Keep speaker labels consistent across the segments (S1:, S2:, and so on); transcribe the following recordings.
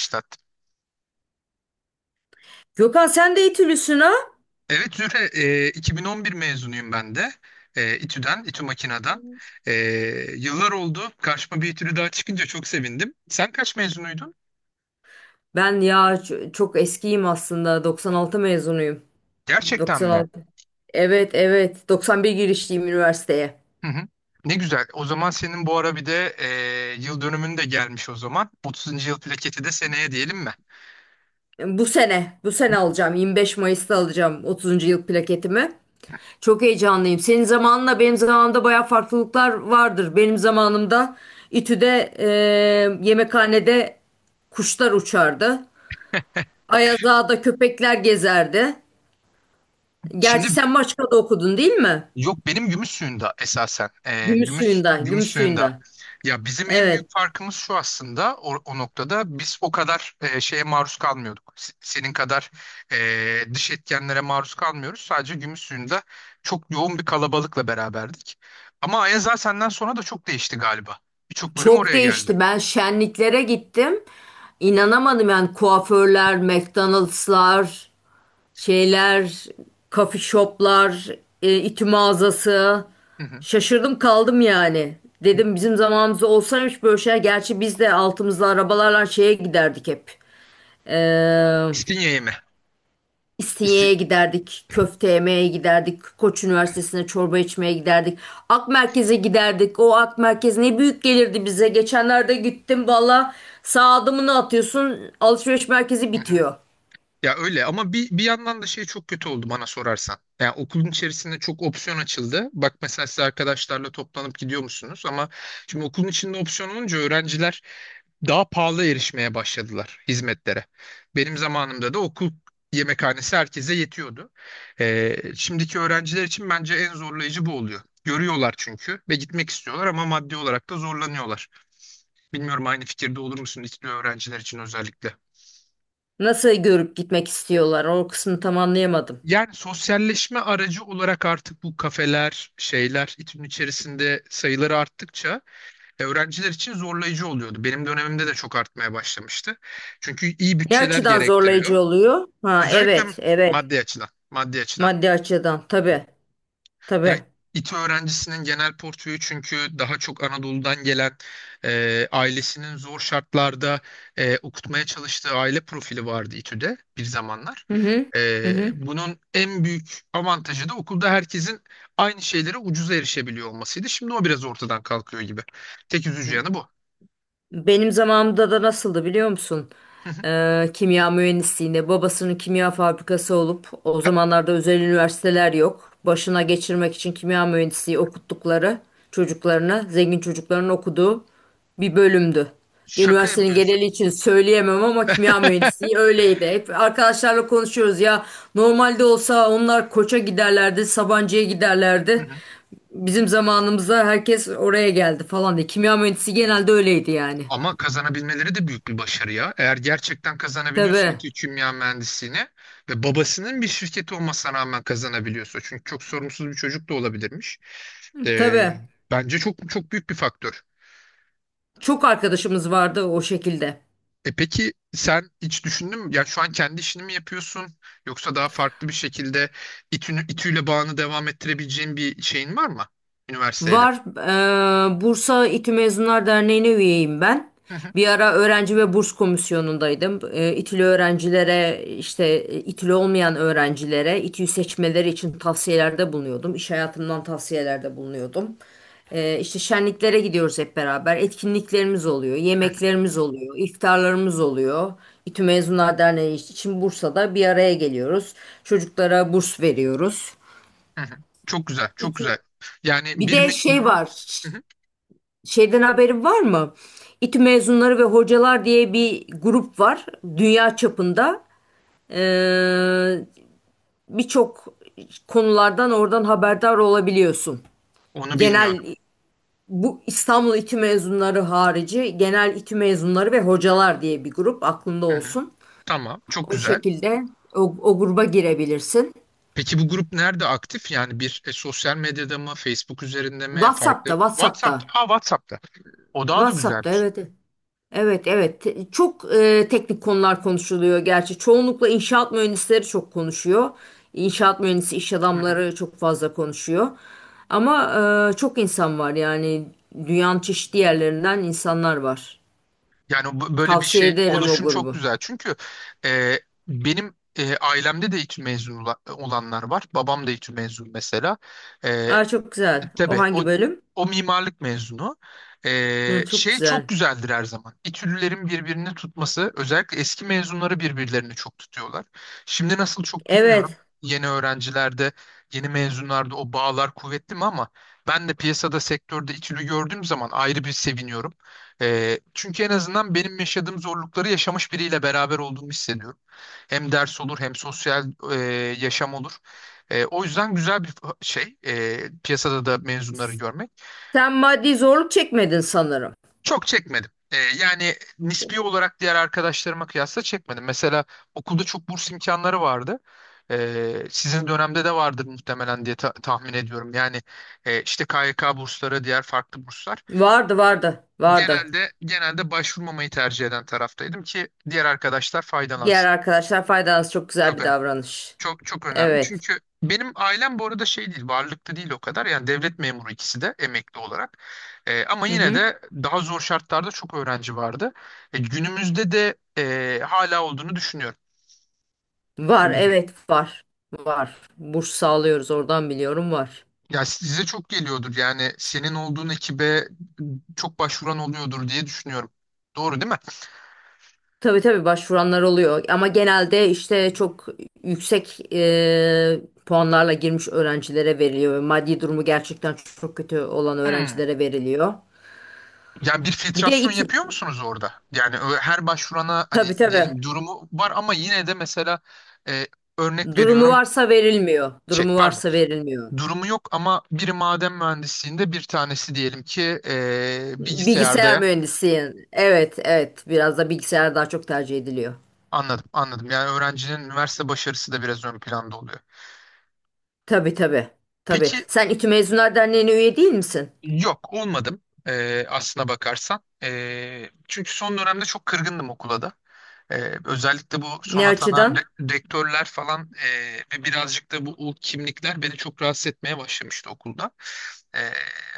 S1: Başlattım.
S2: Gökhan, sen de İTÜ'lüsün, ha?
S1: Evet Zühre, 2011 mezunuyum ben de. İTÜ'den, İTÜ Makina'dan. E, yıllar oldu. Karşıma bir İTÜ'lü daha çıkınca çok sevindim. Sen kaç mezunuydun?
S2: Ben ya çok eskiyim aslında. 96 mezunuyum.
S1: Gerçekten mi?
S2: 96. Evet evet. 91 girişliyim üniversiteye.
S1: Hı hı. Ne güzel. O zaman senin bu ara bir de yıl dönümün de gelmiş o zaman. 30. yıl plaketi de seneye diyelim mi?
S2: Bu sene alacağım. 25 Mayıs'ta alacağım 30. yıl plaketimi. Çok heyecanlıyım. Senin zamanınla benim zamanımda baya farklılıklar vardır. Benim zamanımda İTÜ'de yemekhanede kuşlar uçardı. Ayazağa'da köpekler gezerdi.
S1: Şimdi,
S2: Gerçi sen Maçka'da okudun, değil mi?
S1: yok benim gümüş suyunda esasen. Ee, gümüş
S2: Gümüşsuyu'nda,
S1: gümüş suyunda.
S2: Gümüşsuyu'nda.
S1: Ya bizim en
S2: Evet,
S1: büyük farkımız şu aslında o noktada biz o kadar şeye maruz kalmıyorduk. Senin kadar dış etkenlere maruz kalmıyoruz. Sadece gümüş suyunda çok yoğun bir kalabalıkla beraberdik. Ama Ayaza senden sonra da çok değişti galiba. Birçok bölüm
S2: çok
S1: oraya geldi.
S2: değişti. Ben şenliklere gittim. İnanamadım yani. Kuaförler, McDonald'slar, şeyler, coffee shoplar, ütü mağazası.
S1: Hı hı.
S2: Şaşırdım kaldım yani. Dedim bizim zamanımızda olsaymış böyle şeyler. Gerçi biz de altımızda arabalarla şeye giderdik hep. Ee,
S1: İstinye'ye mi? İsti...
S2: İstinye'ye giderdik, köfte yemeye giderdik, Koç Üniversitesi'ne çorba içmeye giderdik. Ak Merkez'e giderdik. O Ak Merkez ne büyük gelirdi bize. Geçenlerde gittim valla, sağ adımını atıyorsun alışveriş merkezi
S1: Hı hı.
S2: bitiyor.
S1: Ya öyle ama bir yandan da şey çok kötü oldu bana sorarsan. Yani okulun içerisinde çok opsiyon açıldı. Bak mesela siz arkadaşlarla toplanıp gidiyor musunuz? Ama şimdi okulun içinde opsiyon olunca öğrenciler daha pahalı erişmeye başladılar hizmetlere. Benim zamanımda da okul yemekhanesi herkese yetiyordu. Şimdiki öğrenciler için bence en zorlayıcı bu oluyor. Görüyorlar çünkü ve gitmek istiyorlar ama maddi olarak da zorlanıyorlar. Bilmiyorum aynı fikirde olur musun İTÜ öğrenciler için özellikle?
S2: Nasıl görüp gitmek istiyorlar, o kısmını tam anlayamadım.
S1: Yani sosyalleşme aracı olarak artık bu kafeler, şeyler İTÜ'nün içerisinde sayıları arttıkça öğrenciler için zorlayıcı oluyordu. Benim dönemimde de çok artmaya başlamıştı. Çünkü iyi
S2: Ne
S1: bütçeler
S2: açıdan
S1: gerektiriyor.
S2: zorlayıcı oluyor? Ha,
S1: Özellikle
S2: evet evet,
S1: maddi açıdan, maddi açıdan.
S2: maddi açıdan, tabii
S1: Ya
S2: tabii.
S1: İTÜ öğrencisinin genel portföyü çünkü daha çok Anadolu'dan gelen ailesinin zor şartlarda okutmaya çalıştığı aile profili vardı İTÜ'de bir zamanlar.
S2: Hı hı. Hı
S1: E,
S2: hı.
S1: bunun en büyük avantajı da okulda herkesin aynı şeylere ucuza erişebiliyor olmasıydı. Şimdi o biraz ortadan kalkıyor gibi. Tek üzücü yanı bu.
S2: Benim zamanımda da nasıldı, biliyor musun? Kimya mühendisliğinde babasının kimya fabrikası olup o zamanlarda özel üniversiteler yok. Başına geçirmek için kimya mühendisliği okuttukları çocuklarına, zengin çocukların okuduğu bir bölümdü.
S1: Şaka
S2: Üniversitenin
S1: yapıyorsun.
S2: geneli için söyleyemem ama kimya mühendisliği öyleydi. Hep arkadaşlarla konuşuyoruz ya, normalde olsa onlar Koç'a giderlerdi, Sabancı'ya giderlerdi. Bizim zamanımızda herkes oraya geldi falan diye. Kimya mühendisi genelde öyleydi yani.
S1: Ama kazanabilmeleri de büyük bir başarı ya. Eğer gerçekten kazanabiliyorsa
S2: Tabii,
S1: İTÜ Kimya Mühendisliğini ve babasının bir şirketi olmasına rağmen kazanabiliyorsa. Çünkü çok sorumsuz bir çocuk da olabilirmiş. Ee,
S2: tabii.
S1: bence çok çok büyük bir faktör.
S2: Çok arkadaşımız vardı o şekilde.
S1: E peki sen hiç düşündün mü? Ya şu an kendi işini mi yapıyorsun? Yoksa daha farklı bir şekilde İTÜ'yle bağını devam ettirebileceğin bir şeyin var mı? Üniversiteyle.
S2: Var. Bursa İTÜ Mezunlar Derneği'ne üyeyim ben.
S1: Hı hı,
S2: Bir ara öğrenci ve burs komisyonundaydım. İTÜ'lü öğrencilere, işte İTÜ'lü olmayan öğrencilere İTÜ'yü seçmeleri için tavsiyelerde bulunuyordum. İş hayatımdan tavsiyelerde bulunuyordum. İşte şenliklere gidiyoruz hep beraber. Etkinliklerimiz oluyor,
S1: hı hı,
S2: yemeklerimiz oluyor, iftarlarımız oluyor. İTÜ Mezunlar Derneği için Bursa'da bir araya geliyoruz. Çocuklara burs veriyoruz.
S1: hı hı. Çok güzel, çok
S2: İTÜ-
S1: güzel. Yani
S2: Bir
S1: bir
S2: de şey
S1: mezunun
S2: var.
S1: Hı hı.
S2: Şeyden haberin var mı? İTÜ mezunları ve hocalar diye bir grup var dünya çapında. Ee, birçok konulardan oradan haberdar olabiliyorsun.
S1: Onu
S2: Genel,
S1: bilmiyordum.
S2: bu İstanbul İTÜ mezunları harici genel İTÜ mezunları ve hocalar diye bir grup aklında olsun.
S1: Tamam, çok
S2: O
S1: güzel.
S2: şekilde o gruba girebilirsin.
S1: Peki bu grup nerede aktif? Yani bir sosyal medyada mı, Facebook üzerinde mi, farklı?
S2: WhatsApp'ta, WhatsApp'ta.
S1: WhatsApp'ta. Aa, WhatsApp'ta. O daha da
S2: WhatsApp'ta,
S1: güzelmiş.
S2: evet. Evet. Evet evet. Çok teknik konular konuşuluyor gerçi. Çoğunlukla inşaat mühendisleri çok konuşuyor. İnşaat mühendisi iş
S1: Hı hı.
S2: adamları çok fazla konuşuyor. Ama çok insan var yani. Dünyanın çeşitli yerlerinden insanlar var.
S1: Yani böyle bir
S2: Tavsiye
S1: şey
S2: ederim o
S1: oluşum çok
S2: grubu.
S1: güzel. Çünkü e, benim ailemde de İTÜ mezunu olanlar var. Babam da İTÜ mezunu mesela. E,
S2: Aa, çok güzel. O
S1: Tabii o,
S2: hangi bölüm?
S1: o mimarlık mezunu.
S2: Hı,
S1: Ee,
S2: çok
S1: şey çok
S2: güzel.
S1: güzeldir her zaman. İTÜ'lülerin birbirini tutması özellikle eski mezunları birbirlerini çok tutuyorlar. Şimdi nasıl çok bilmiyorum.
S2: Evet.
S1: Yeni öğrencilerde, yeni mezunlarda o bağlar kuvvetli mi ama ben de piyasada sektörde İTÜ'lü gördüğüm zaman ayrı bir seviniyorum. Çünkü en azından benim yaşadığım zorlukları yaşamış biriyle beraber olduğumu hissediyorum. Hem ders olur hem sosyal e, yaşam olur. O yüzden güzel bir şey piyasada da mezunları görmek.
S2: Sen maddi zorluk çekmedin sanırım.
S1: Çok çekmedim. Yani nispi olarak diğer arkadaşlarıma kıyasla çekmedim. Mesela okulda çok burs imkanları vardı. Sizin dönemde de vardır muhtemelen diye tahmin ediyorum. Yani işte KYK bursları, diğer farklı burslar.
S2: Vardı vardı vardı.
S1: Genelde başvurmamayı tercih eden taraftaydım ki diğer arkadaşlar
S2: Diğer
S1: faydalansın.
S2: arkadaşlar faydalanız çok güzel
S1: Çok
S2: bir
S1: önemli.
S2: davranış.
S1: Çok çok önemli.
S2: Evet.
S1: Çünkü benim ailem bu arada şey değil, varlıklı değil o kadar. Yani devlet memuru ikisi de emekli olarak. Ama
S2: Hı
S1: yine
S2: hı.
S1: de daha zor şartlarda çok öğrenci vardı. Günümüzde de hala olduğunu düşünüyorum.
S2: Var evet var. Var. Burs sağlıyoruz, oradan biliyorum var.
S1: Ya size çok geliyordur. Yani senin olduğun ekibe çok başvuran oluyordur diye düşünüyorum. Doğru değil mi?
S2: Tabii tabii başvuranlar oluyor ama genelde işte çok yüksek puanlarla girmiş öğrencilere veriliyor. Maddi durumu gerçekten çok kötü olan
S1: Hmm.
S2: öğrencilere veriliyor.
S1: Yani bir
S2: Bir de
S1: filtrasyon
S2: iti,
S1: yapıyor musunuz orada? Yani her başvurana hani
S2: tabii tabii,
S1: diyelim durumu var ama yine de mesela e, örnek
S2: durumu
S1: veriyorum
S2: varsa verilmiyor.
S1: şey
S2: Durumu
S1: pardon.
S2: varsa verilmiyor.
S1: Durumu yok ama biri maden mühendisliğinde bir tanesi diyelim ki
S2: Bilgisayar
S1: bilgisayarda.
S2: mühendisi, yani. Evet evet, biraz da bilgisayar daha çok tercih ediliyor.
S1: Anladım, anladım. Yani öğrencinin üniversite başarısı da biraz ön planda oluyor.
S2: Tabii tabii tabii.
S1: Peki,
S2: Sen İTÜ Mezunlar Derneği'ne üye değil misin?
S1: yok olmadım aslına bakarsan. Çünkü son dönemde çok kırgındım okula da. Özellikle bu son
S2: Ne
S1: atanan
S2: açıdan?
S1: rektörler falan ve birazcık da bu ulk kimlikler beni çok rahatsız etmeye başlamıştı okulda. Ee,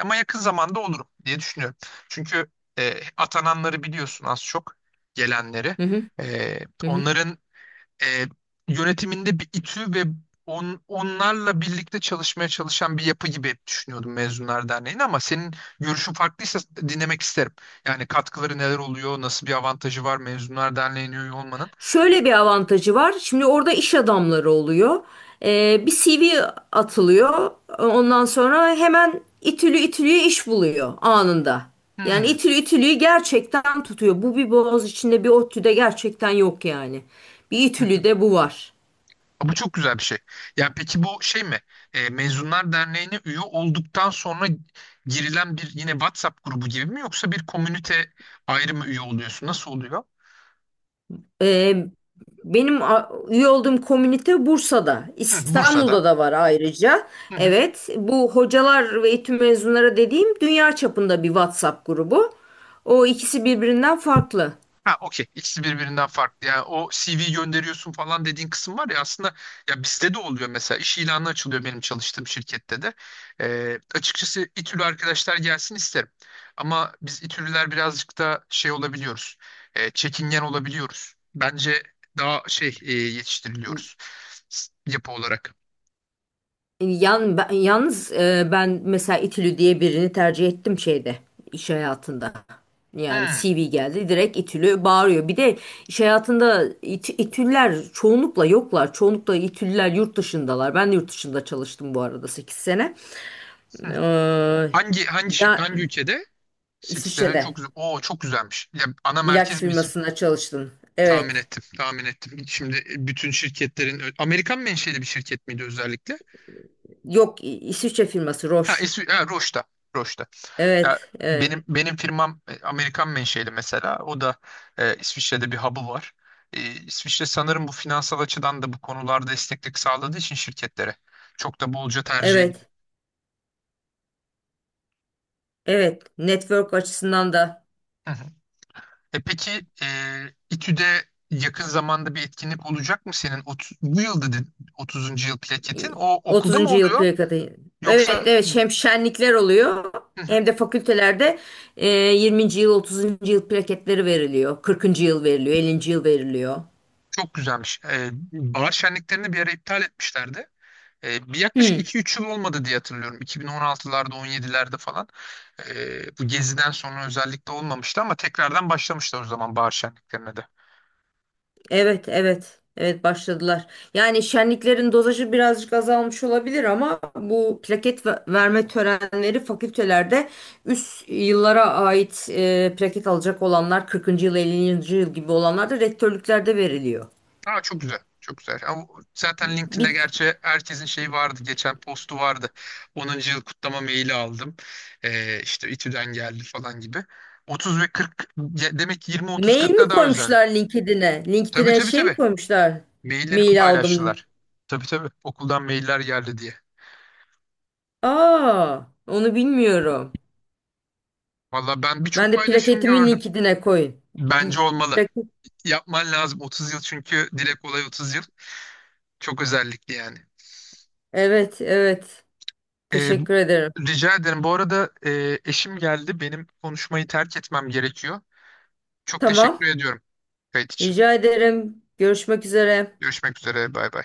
S1: ama yakın zamanda olurum diye düşünüyorum. Çünkü atananları biliyorsun az çok gelenleri.
S2: Hı hı.
S1: Ee,
S2: Hı hı.
S1: onların e, yönetiminde bir İTÜ ve onlarla birlikte çalışmaya çalışan bir yapı gibi hep düşünüyordum Mezunlar Derneği'ni ama senin görüşün farklıysa dinlemek isterim. Yani katkıları neler oluyor, nasıl bir avantajı var Mezunlar Derneği'ne üye olmanın?
S2: Şöyle bir avantajı var. Şimdi orada iş adamları oluyor. Bir CV atılıyor. Ondan sonra hemen itülü itülüye iş buluyor anında. Yani
S1: Hmm.
S2: itülü itülüyü gerçekten tutuyor. Bu bir boğaz içinde bir ODTÜ'de gerçekten yok yani. Bir itülüde bu var.
S1: Bu çok güzel bir şey. Ya peki bu şey mi? Mezunlar Derneği'ne üye olduktan sonra girilen bir yine WhatsApp grubu gibi mi yoksa bir komünite ayrı mı üye oluyorsun? Nasıl oluyor?
S2: Ee, benim üye olduğum komünite Bursa'da,
S1: Hı, Bursa'da.
S2: İstanbul'da da var ayrıca.
S1: Hı hı.
S2: Evet, bu hocalar ve eğitim mezunları dediğim dünya çapında bir WhatsApp grubu. O ikisi birbirinden farklı.
S1: Ha, okey. İkisi birbirinden farklı. Yani o CV gönderiyorsun falan dediğin kısım var ya aslında ya bizde de oluyor mesela. İş ilanı açılıyor benim çalıştığım şirkette de. Açıkçası İTÜ'lü arkadaşlar gelsin isterim. Ama biz İTÜ'lüler birazcık da şey olabiliyoruz. Çekingen olabiliyoruz. Bence daha şey yetiştiriliyoruz yapı olarak.
S2: Yalnız ben mesela İTÜ'lü diye birini tercih ettim şeyde, iş hayatında. Yani
S1: Hmm,
S2: CV geldi, direkt İTÜ'lü bağırıyor. Bir de iş hayatında İTÜ'lüler çoğunlukla yoklar. Çoğunlukla İTÜ'lüler yurt dışındalar. Ben de yurt dışında çalıştım bu arada, 8 sene.
S1: hmm.
S2: Ee,
S1: Hangi hangi şi-
S2: ya
S1: hangi ülkede? 8 sene çok
S2: İsviçre'de
S1: güzel. Oo, çok güzelmiş. Ya ana
S2: ilaç
S1: merkez mi?
S2: firmasında çalıştım.
S1: Tahmin
S2: Evet.
S1: ettim, tahmin ettim. Şimdi bütün şirketlerin, Amerikan menşeli bir şirket miydi özellikle?
S2: Yok, İsviçre firması
S1: Ha,
S2: Roche.
S1: es ha Roche'da, Roche'da. Ya,
S2: Evet, evet,
S1: benim firmam Amerikan menşeli mesela. O da İsviçre'de bir hub'ı var. İsviçre sanırım bu finansal açıdan da bu konularda esneklik sağladığı için şirketlere çok da bolca tercih ediliyor.
S2: evet, evet. Network açısından da.
S1: Hı hı. E peki İTÜ'de yakın zamanda bir etkinlik olacak mı senin? Bu yıl dedin 30. yıl plaketin. O okulda mı
S2: 30. yıl
S1: oluyor?
S2: plakatı. Evet
S1: Yoksa
S2: evet, hem şenlikler oluyor hem de fakültelerde 20. yıl, 30. yıl plaketleri veriliyor. 40. yıl veriliyor, 50. yıl veriliyor.
S1: Çok güzelmiş. Bahar şenliklerini bir ara iptal etmişlerdi. Bir yaklaşık
S2: Hmm,
S1: 2-3 yıl olmadı diye hatırlıyorum. 2016'larda, 17'lerde falan. Bu geziden sonra özellikle olmamıştı ama tekrardan başlamışlar o zaman bahar şenliklerine de.
S2: evet evet. Evet başladılar. Yani şenliklerin dozajı birazcık azalmış olabilir ama bu plaket verme törenleri fakültelerde, üst yıllara ait plaket alacak olanlar, 40. yıl 50. yıl gibi olanlar da rektörlüklerde veriliyor.
S1: Aa, çok güzel. Çok güzel. Ama zaten LinkedIn'de
S2: Bir
S1: gerçi herkesin şeyi vardı. Geçen postu vardı. 10. yıl kutlama maili aldım. İşte İTÜ'den geldi falan gibi. 30 ve 40 demek ki
S2: Mail mi
S1: 20-30-40'ta daha özel.
S2: koymuşlar LinkedIn'e?
S1: Tabii
S2: LinkedIn'e
S1: tabii
S2: şey mi
S1: tabii.
S2: koymuşlar?
S1: Mailleri
S2: Mail aldım.
S1: paylaştılar. Tabii tabii okuldan mailler geldi diye.
S2: Aa, onu bilmiyorum.
S1: Valla ben birçok
S2: Ben de
S1: paylaşım
S2: plaketimi
S1: gördüm.
S2: LinkedIn'e koyun.
S1: Bence olmalı.
S2: Plaket-
S1: Yapman lazım 30 yıl çünkü dile kolay 30 yıl. Çok özellikli yani.
S2: Evet, evet.
S1: Ee,
S2: Teşekkür ederim.
S1: rica ederim. Bu arada eşim geldi. Benim konuşmayı terk etmem gerekiyor. Çok teşekkür
S2: Tamam.
S1: ediyorum kayıt için.
S2: Rica ederim. Görüşmek üzere.
S1: Görüşmek üzere. Bay bay.